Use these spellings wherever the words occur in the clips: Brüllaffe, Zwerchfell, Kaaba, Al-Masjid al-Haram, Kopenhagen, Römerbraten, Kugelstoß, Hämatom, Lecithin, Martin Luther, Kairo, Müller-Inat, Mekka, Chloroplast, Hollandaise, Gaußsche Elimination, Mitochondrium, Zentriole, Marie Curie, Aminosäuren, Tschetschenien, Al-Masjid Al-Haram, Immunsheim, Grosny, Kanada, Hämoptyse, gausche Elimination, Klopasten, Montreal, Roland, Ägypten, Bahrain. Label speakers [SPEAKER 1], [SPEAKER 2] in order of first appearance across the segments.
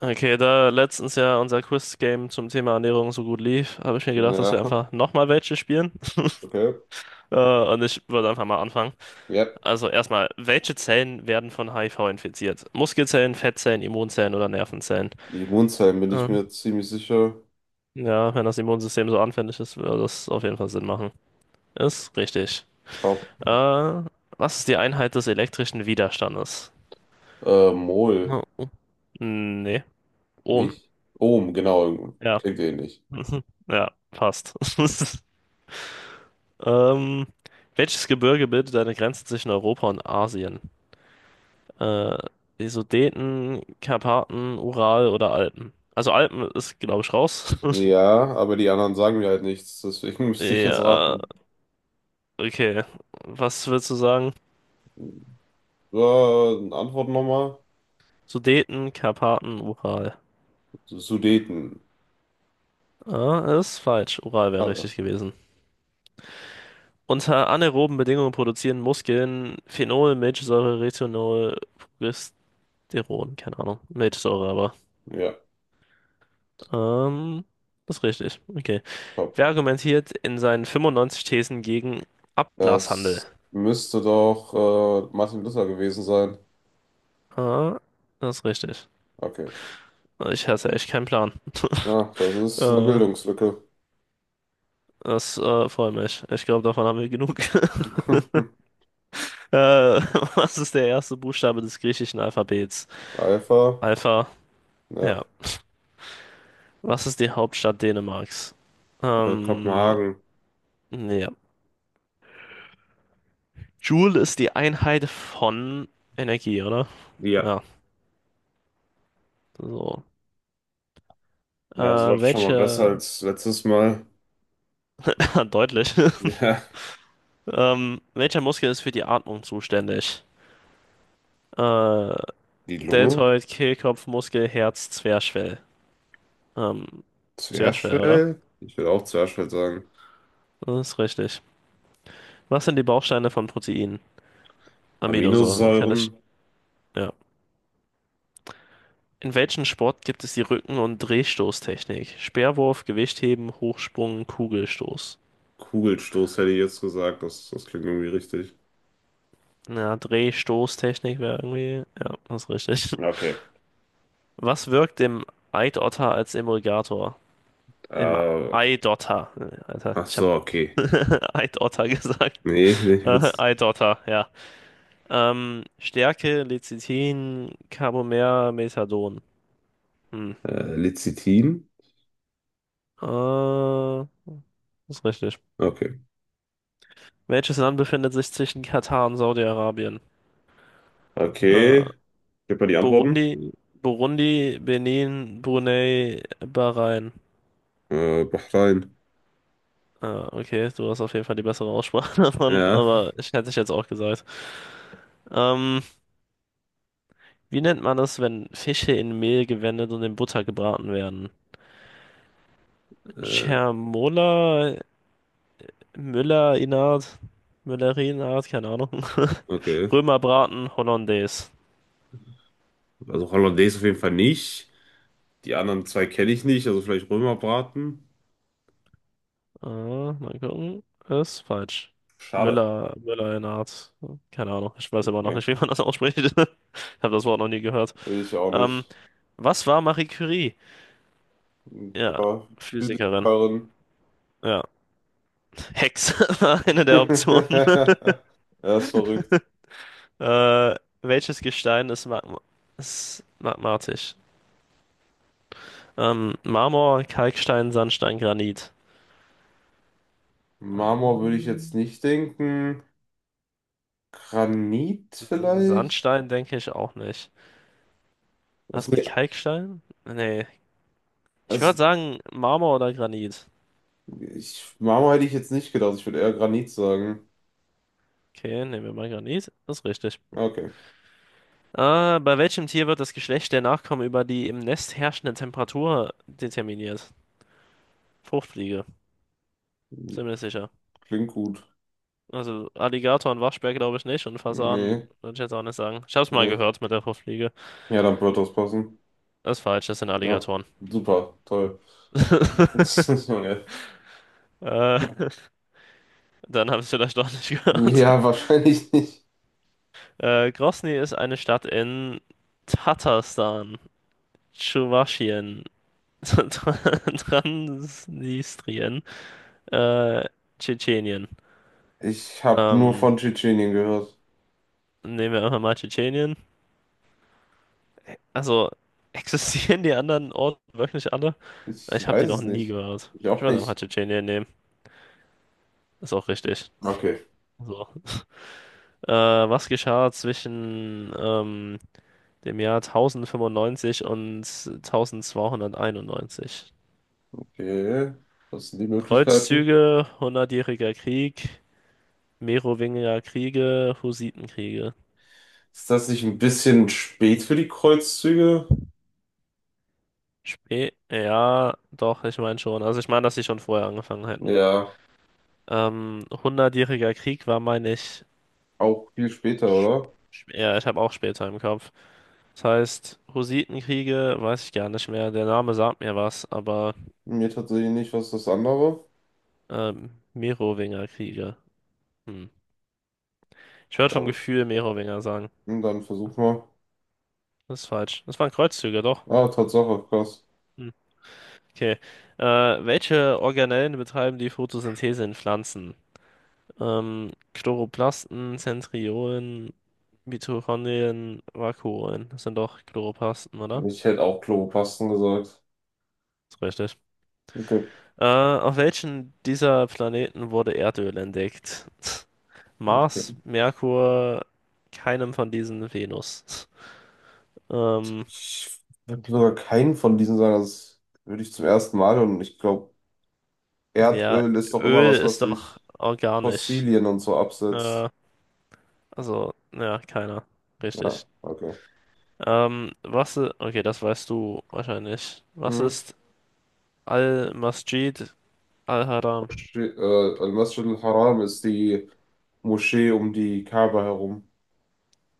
[SPEAKER 1] Okay, da letztens ja unser Quiz-Game zum Thema Ernährung so gut lief, habe ich mir gedacht, dass wir
[SPEAKER 2] Ja,
[SPEAKER 1] einfach nochmal welche spielen.
[SPEAKER 2] okay.
[SPEAKER 1] Und ich würde einfach mal anfangen.
[SPEAKER 2] Ja.
[SPEAKER 1] Also erstmal, welche Zellen werden von HIV infiziert? Muskelzellen, Fettzellen, Immunzellen oder Nervenzellen?
[SPEAKER 2] Immunsheim bin ich
[SPEAKER 1] Ähm,
[SPEAKER 2] mir ziemlich sicher.
[SPEAKER 1] ja, wenn das Immunsystem so anfällig ist, würde das auf jeden Fall Sinn machen. Ist richtig.
[SPEAKER 2] Pap
[SPEAKER 1] Äh, was ist die Einheit des elektrischen Widerstandes?
[SPEAKER 2] Mol,
[SPEAKER 1] Oh, oh. Nee. Ohm.
[SPEAKER 2] nicht? Ohm, genau.
[SPEAKER 1] Ja.
[SPEAKER 2] Klingt ähnlich.
[SPEAKER 1] Ja, passt. Ähm, welches Gebirge bildet eine Grenze zwischen Europa und Asien? Äh, die Sudeten, Karpaten, Ural oder Alpen? Also Alpen ist, glaube ich, raus.
[SPEAKER 2] Ja, aber die anderen sagen mir halt nichts, deswegen müsste ich jetzt
[SPEAKER 1] Ja,
[SPEAKER 2] raten.
[SPEAKER 1] okay. Was würdest du sagen?
[SPEAKER 2] Äh, Antwort nochmal.
[SPEAKER 1] Sudeten, Karpaten, Ural.
[SPEAKER 2] Sudeten.
[SPEAKER 1] Ah, ist falsch. Ural wäre
[SPEAKER 2] Alle.
[SPEAKER 1] richtig gewesen. Unter anaeroben Bedingungen produzieren Muskeln Phenol, Milchsäure, Retinol, Progesteron. Keine Ahnung. Milchsäure aber.
[SPEAKER 2] Ja,
[SPEAKER 1] Ähm, das ist richtig. Okay.
[SPEAKER 2] top.
[SPEAKER 1] Wer argumentiert in seinen 95 Thesen gegen Ablasshandel?
[SPEAKER 2] Das müsste doch Martin Luther gewesen sein.
[SPEAKER 1] Ah, das ist richtig.
[SPEAKER 2] Okay.
[SPEAKER 1] Ich hasse echt keinen Plan.
[SPEAKER 2] Ach, das ist eine
[SPEAKER 1] Äh,
[SPEAKER 2] Bildungslücke.
[SPEAKER 1] das freut mich. Ich glaube, davon haben wir genug. Äh, was ist der erste Buchstabe des griechischen Alphabets?
[SPEAKER 2] Alpha.
[SPEAKER 1] Alpha.
[SPEAKER 2] Ja.
[SPEAKER 1] Ja. Was ist die Hauptstadt Dänemarks? Ähm,
[SPEAKER 2] Kopenhagen.
[SPEAKER 1] ja. Joule ist die Einheit von Energie, oder?
[SPEAKER 2] Ja.
[SPEAKER 1] Ja, so.
[SPEAKER 2] Ja, so läuft schon mal besser
[SPEAKER 1] Welche?
[SPEAKER 2] als letztes Mal.
[SPEAKER 1] Deutlich.
[SPEAKER 2] Ja,
[SPEAKER 1] Welcher Muskel ist für die Atmung zuständig? Äh,
[SPEAKER 2] die Lunge,
[SPEAKER 1] Deltoid, Kehlkopfmuskel, Herz, Zwerchfell. Ähm, Zwerchfell, oder?
[SPEAKER 2] Zwerchfell, ich würde auch Zwerchfell sagen.
[SPEAKER 1] Das ist richtig. Was sind die Bausteine von Proteinen? Aminosäuren, kann
[SPEAKER 2] Aminosäuren,
[SPEAKER 1] ich. Ja. In welchem Sport gibt es die Rücken- und Drehstoßtechnik? Speerwurf, Gewichtheben, Hochsprung, Kugelstoß.
[SPEAKER 2] Kugelstoß hätte ich jetzt gesagt, das klingt irgendwie richtig.
[SPEAKER 1] Ja, Drehstoßtechnik wäre irgendwie. Ja, das ist richtig.
[SPEAKER 2] Ja, okay.
[SPEAKER 1] Was wirkt dem Eidotter als Emulgator? Im
[SPEAKER 2] Äh,
[SPEAKER 1] Eidotter. Alter,
[SPEAKER 2] ach
[SPEAKER 1] ich habe
[SPEAKER 2] so, okay.
[SPEAKER 1] Eidotter gesagt.
[SPEAKER 2] Nee, ich will's.
[SPEAKER 1] Eidotter, ja. Stärke, Lecithin, Carbomer, Methadon. Hm.
[SPEAKER 2] Lecithin?
[SPEAKER 1] Äh, ist richtig.
[SPEAKER 2] Okay.
[SPEAKER 1] Welches Land befindet sich zwischen Katar und Saudi-Arabien? Äh,
[SPEAKER 2] Okay, gib mal die Antworten.
[SPEAKER 1] Burundi, Burundi, Benin, Brunei, Bahrain.
[SPEAKER 2] Bahrain.
[SPEAKER 1] Okay, du hast auf jeden Fall die bessere Aussprache davon,
[SPEAKER 2] Ja,
[SPEAKER 1] aber ich hätte ich jetzt auch gesagt. Ähm, Wie nennt man das, wenn Fische in Mehl gewendet und in Butter gebraten werden?
[SPEAKER 2] äh,
[SPEAKER 1] Cermola, Müller-Inat, Müller-Inat, keine Ahnung.
[SPEAKER 2] okay.
[SPEAKER 1] Römerbraten, Hollandaise.
[SPEAKER 2] Also Hollandaise auf jeden Fall nicht. Die anderen zwei kenne ich nicht, also vielleicht Römerbraten.
[SPEAKER 1] Ah, mal gucken. Ist falsch.
[SPEAKER 2] Schade.
[SPEAKER 1] Müller, Müller-Inat. Keine Ahnung. Ich weiß aber noch
[SPEAKER 2] Okay.
[SPEAKER 1] nicht, wie man das ausspricht. Ich habe das Wort noch nie gehört.
[SPEAKER 2] Ich auch
[SPEAKER 1] Ähm,
[SPEAKER 2] nicht.
[SPEAKER 1] was war Marie Curie?
[SPEAKER 2] Ich
[SPEAKER 1] Ja,
[SPEAKER 2] war
[SPEAKER 1] Physikerin.
[SPEAKER 2] Physikerin.
[SPEAKER 1] Ja. Hex war eine der Optionen.
[SPEAKER 2] Er ist verrückt.
[SPEAKER 1] Äh, welches Gestein ist, magma ist magmatisch? Marmor, Kalkstein, Sandstein, Granit.
[SPEAKER 2] Marmor würde ich jetzt
[SPEAKER 1] Ähm,
[SPEAKER 2] nicht denken. Granit vielleicht?
[SPEAKER 1] Sandstein denke ich auch nicht.
[SPEAKER 2] Was,
[SPEAKER 1] Was mit
[SPEAKER 2] nee,
[SPEAKER 1] Kalkstein? Nee. Ich
[SPEAKER 2] also
[SPEAKER 1] würde sagen Marmor oder Granit.
[SPEAKER 2] ich, Marmor hätte ich jetzt nicht gedacht. Ich würde eher Granit sagen.
[SPEAKER 1] Okay, nehmen wir mal Granit. Das ist richtig.
[SPEAKER 2] Okay.
[SPEAKER 1] Bei welchem Tier wird das Geschlecht der Nachkommen über die im Nest herrschende Temperatur determiniert? Fruchtfliege, ziemlich sicher.
[SPEAKER 2] Klingt gut.
[SPEAKER 1] Also Alligator und Waschbär glaube ich nicht und Fasan
[SPEAKER 2] Nee,
[SPEAKER 1] würde ich jetzt auch nicht sagen. Ich habe es mal
[SPEAKER 2] nee.
[SPEAKER 1] gehört mit der Fruchtfliege.
[SPEAKER 2] Ja, dann wird das passen.
[SPEAKER 1] Das ist falsch, das sind
[SPEAKER 2] Ja,
[SPEAKER 1] Alligatoren.
[SPEAKER 2] super, toll. Junge.
[SPEAKER 1] Äh, Dann haben Sie es vielleicht doch nicht gehört.
[SPEAKER 2] Ja, wahrscheinlich nicht.
[SPEAKER 1] Grosny ist eine Stadt in Tatarstan, Tschuwaschien, Transnistrien, äh, Tschetschenien.
[SPEAKER 2] Ich habe nur
[SPEAKER 1] Ähm,
[SPEAKER 2] von Tschetschenien gehört.
[SPEAKER 1] nehmen wir einfach mal Tschetschenien. Also, existieren die anderen Orte wirklich alle?
[SPEAKER 2] Ich
[SPEAKER 1] Ich habe die
[SPEAKER 2] weiß
[SPEAKER 1] noch
[SPEAKER 2] es
[SPEAKER 1] nie
[SPEAKER 2] nicht.
[SPEAKER 1] gehört.
[SPEAKER 2] Ich
[SPEAKER 1] Ich
[SPEAKER 2] auch
[SPEAKER 1] würde einfach
[SPEAKER 2] nicht.
[SPEAKER 1] Tschetschenien nehmen. Ist auch richtig.
[SPEAKER 2] Okay.
[SPEAKER 1] So. Äh, was geschah zwischen dem Jahr 1095 und 1291?
[SPEAKER 2] Okay, was sind die Möglichkeiten?
[SPEAKER 1] Kreuzzüge, Hundertjähriger Krieg, Merowinger Kriege, Hussitenkriege.
[SPEAKER 2] Ist das nicht ein bisschen spät für die Kreuzzüge?
[SPEAKER 1] Spä ja, doch, ich meine schon. Also ich meine, dass sie schon vorher angefangen hätten.
[SPEAKER 2] Ja,
[SPEAKER 1] Hundertjähriger Krieg war, meine ich,
[SPEAKER 2] auch viel später, oder?
[SPEAKER 1] ja, ich habe auch später im Kopf. Das heißt, Hussitenkriege weiß ich gar nicht mehr. Der Name sagt mir was, aber
[SPEAKER 2] Mir tatsächlich nicht, was das andere.
[SPEAKER 1] Merowinger Kriege. Hm. Ich würde vom
[SPEAKER 2] Dann,
[SPEAKER 1] Gefühl Merowinger sagen.
[SPEAKER 2] dann versuch mal.
[SPEAKER 1] Das ist falsch. Das waren Kreuzzüge, doch.
[SPEAKER 2] Ah, Tatsache, krass.
[SPEAKER 1] Hm. Okay. Äh, welche Organellen betreiben die Photosynthese in Pflanzen? Chloroplasten, Zentriolen, Mitochondrien, Vakuolen. Das sind doch Chloroplasten, oder?
[SPEAKER 2] Ich hätte auch Klopasten gesagt.
[SPEAKER 1] Ist richtig.
[SPEAKER 2] Okay,
[SPEAKER 1] Auf welchen dieser Planeten wurde Erdöl entdeckt? Mars,
[SPEAKER 2] okay.
[SPEAKER 1] Merkur, keinem von diesen Venus. Ähm,
[SPEAKER 2] Ich würde sogar keinen von diesen sagen. Das würde ich zum ersten Mal. Und ich glaube,
[SPEAKER 1] ja,
[SPEAKER 2] Erdöl ist doch immer
[SPEAKER 1] Öl
[SPEAKER 2] was, was
[SPEAKER 1] ist doch
[SPEAKER 2] sich
[SPEAKER 1] organisch.
[SPEAKER 2] Fossilien und so absetzt.
[SPEAKER 1] Äh, Also, ja, keiner.
[SPEAKER 2] Ja,
[SPEAKER 1] Richtig.
[SPEAKER 2] okay.
[SPEAKER 1] Okay, das weißt du wahrscheinlich. Was
[SPEAKER 2] Mhm.
[SPEAKER 1] ist Al-Masjid Al-Haram?
[SPEAKER 2] Moschee, Al-Masjid al-Haram ist die Moschee um die Kaaba herum.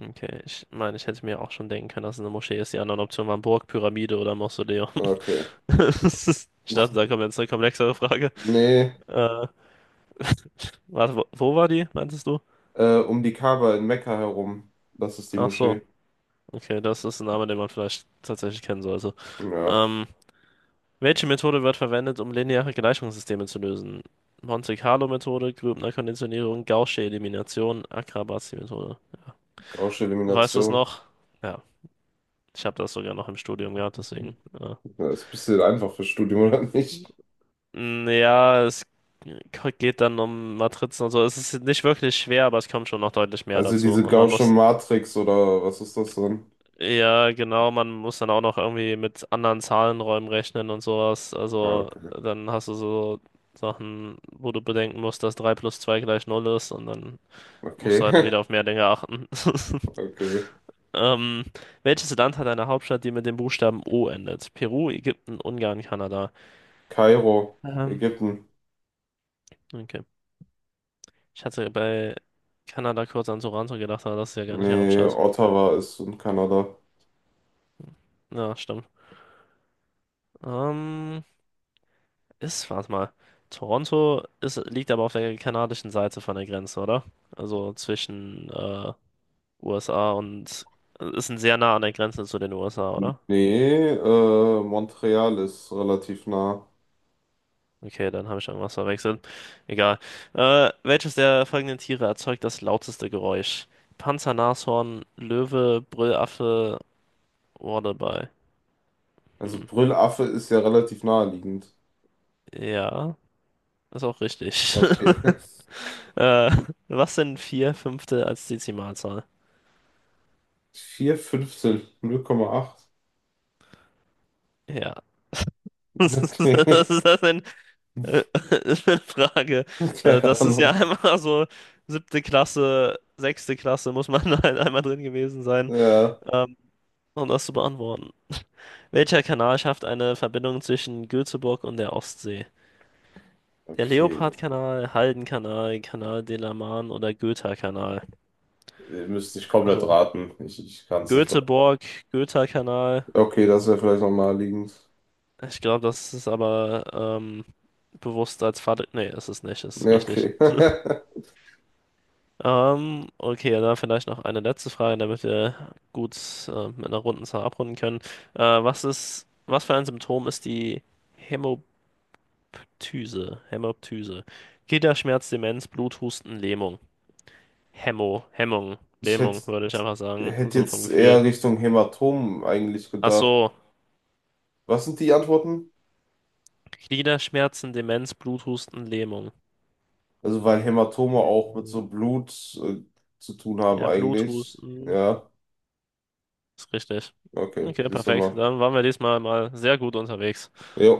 [SPEAKER 1] Okay, ich meine, ich hätte mir auch schon denken können, dass es eine Moschee ist. Die anderen Optionen waren Burg, Pyramide oder Mausoleum.
[SPEAKER 2] Okay.
[SPEAKER 1] Das ist- Ich dachte, da kommt jetzt eine komplexere Frage.
[SPEAKER 2] Nee,
[SPEAKER 1] Äh, warte, wo war die, meintest du?
[SPEAKER 2] um die Kaaba in Mekka herum. Das ist die
[SPEAKER 1] Ach so,
[SPEAKER 2] Moschee.
[SPEAKER 1] okay, das ist ein Name, den man vielleicht tatsächlich kennen sollte.
[SPEAKER 2] Ja,
[SPEAKER 1] Ähm, Welche Methode wird verwendet, um lineare Gleichungssysteme zu lösen? Monte-Carlo-Methode, Grübner-Konditionierung, Gaußsche Elimination, Akrabazi-Methode.
[SPEAKER 2] gausche
[SPEAKER 1] Weißt du es
[SPEAKER 2] Elimination.
[SPEAKER 1] noch? Ja, ich habe das sogar noch im Studium gehabt, deswegen. Ja,
[SPEAKER 2] Das ist ein bisschen einfach für Studium, oder nicht?
[SPEAKER 1] Mm, ja es geht dann um Matrizen und so. Es ist nicht wirklich schwer, aber es kommt schon noch deutlich mehr
[SPEAKER 2] Also
[SPEAKER 1] dazu.
[SPEAKER 2] diese
[SPEAKER 1] Und man
[SPEAKER 2] gausche
[SPEAKER 1] muss,
[SPEAKER 2] Matrix oder was ist das denn?
[SPEAKER 1] ja, genau, man muss dann auch noch irgendwie mit anderen Zahlenräumen rechnen und sowas.
[SPEAKER 2] Ah,
[SPEAKER 1] Also,
[SPEAKER 2] okay.
[SPEAKER 1] dann hast du so Sachen, wo du bedenken musst, dass 3 plus 2 gleich null ist und dann musst
[SPEAKER 2] Okay.
[SPEAKER 1] du heute wieder auf mehr Dinge achten.
[SPEAKER 2] Okay.
[SPEAKER 1] Ähm, welches Land hat eine Hauptstadt, die mit dem Buchstaben O endet? Peru, Ägypten, Ungarn, Kanada.
[SPEAKER 2] Kairo,
[SPEAKER 1] Ähm,
[SPEAKER 2] Ägypten.
[SPEAKER 1] okay. Ich hatte bei Kanada kurz an Toronto gedacht, aber das ist ja gar nicht die
[SPEAKER 2] Nee,
[SPEAKER 1] Hauptstadt.
[SPEAKER 2] Ottawa ist in Kanada.
[SPEAKER 1] Ja, stimmt. Ähm, Warte mal. Toronto ist, liegt aber auf der kanadischen Seite von der Grenze, oder? Also zwischen USA und ist ein sehr nah an der Grenze zu den USA, oder?
[SPEAKER 2] Nee, Montreal ist relativ nah.
[SPEAKER 1] Okay, dann habe ich irgendwas verwechselt. Egal. Welches der folgenden Tiere erzeugt das lauteste Geräusch? Panzer, Nashorn, Löwe, Brüllaffe, Wardebei.
[SPEAKER 2] Also
[SPEAKER 1] Hm.
[SPEAKER 2] Brüllaffe ist ja relativ naheliegend.
[SPEAKER 1] Ja, ist auch richtig.
[SPEAKER 2] Okay.
[SPEAKER 1] Äh, was sind vier Fünfte als Dezimalzahl?
[SPEAKER 2] 4, 15, 0,8.
[SPEAKER 1] Ja. Was ist
[SPEAKER 2] Okay.
[SPEAKER 1] das denn äh, für eine Frage? Äh,
[SPEAKER 2] Keine
[SPEAKER 1] das ist ja
[SPEAKER 2] Ahnung.
[SPEAKER 1] einmal so siebte Klasse, sechste Klasse, muss man halt einmal drin gewesen sein,
[SPEAKER 2] Ja.
[SPEAKER 1] ähm, um das zu beantworten. Welcher Kanal schafft eine Verbindung zwischen Göteborg und der Ostsee? Der
[SPEAKER 2] Okay.
[SPEAKER 1] Leopardkanal, Haldenkanal, Canal de la Man oder Göta kanal.
[SPEAKER 2] Ihr müsst nicht komplett
[SPEAKER 1] Also
[SPEAKER 2] raten. Ich kann es nicht. Be-
[SPEAKER 1] Göteborg, Göta kanal.
[SPEAKER 2] Okay, das wäre vielleicht noch naheliegend.
[SPEAKER 1] Ich glaube, das ist aber bewusst als Vater. Nee, ist es nicht, ist
[SPEAKER 2] Ja,
[SPEAKER 1] richtig.
[SPEAKER 2] okay.
[SPEAKER 1] Okay, dann vielleicht noch eine letzte Frage, damit wir gut mit einer runden Zahl abrunden können. Was für ein Symptom ist die Hämoptyse? Hämoptyse. Gliederschmerz, Demenz, Bluthusten, Lähmung. Hemmo, Hemmung,
[SPEAKER 2] Ich hätte
[SPEAKER 1] Lähmung, würde ich einfach sagen,
[SPEAKER 2] hätte
[SPEAKER 1] so vom
[SPEAKER 2] jetzt
[SPEAKER 1] Gefühl.
[SPEAKER 2] eher Richtung Hämatom eigentlich
[SPEAKER 1] Ach
[SPEAKER 2] gedacht.
[SPEAKER 1] so,
[SPEAKER 2] Was sind die Antworten?
[SPEAKER 1] Gliederschmerzen, Demenz, Bluthusten, Lähmung.
[SPEAKER 2] Also, weil Hämatome auch mit so
[SPEAKER 1] Lähmung.
[SPEAKER 2] Blut äh, zu tun haben
[SPEAKER 1] Ja,
[SPEAKER 2] eigentlich.
[SPEAKER 1] Bluthusten,
[SPEAKER 2] Ja,
[SPEAKER 1] ist richtig.
[SPEAKER 2] okay,
[SPEAKER 1] Okay,
[SPEAKER 2] siehst du
[SPEAKER 1] perfekt.
[SPEAKER 2] mal.
[SPEAKER 1] Dann waren wir diesmal mal sehr gut unterwegs.
[SPEAKER 2] Jo.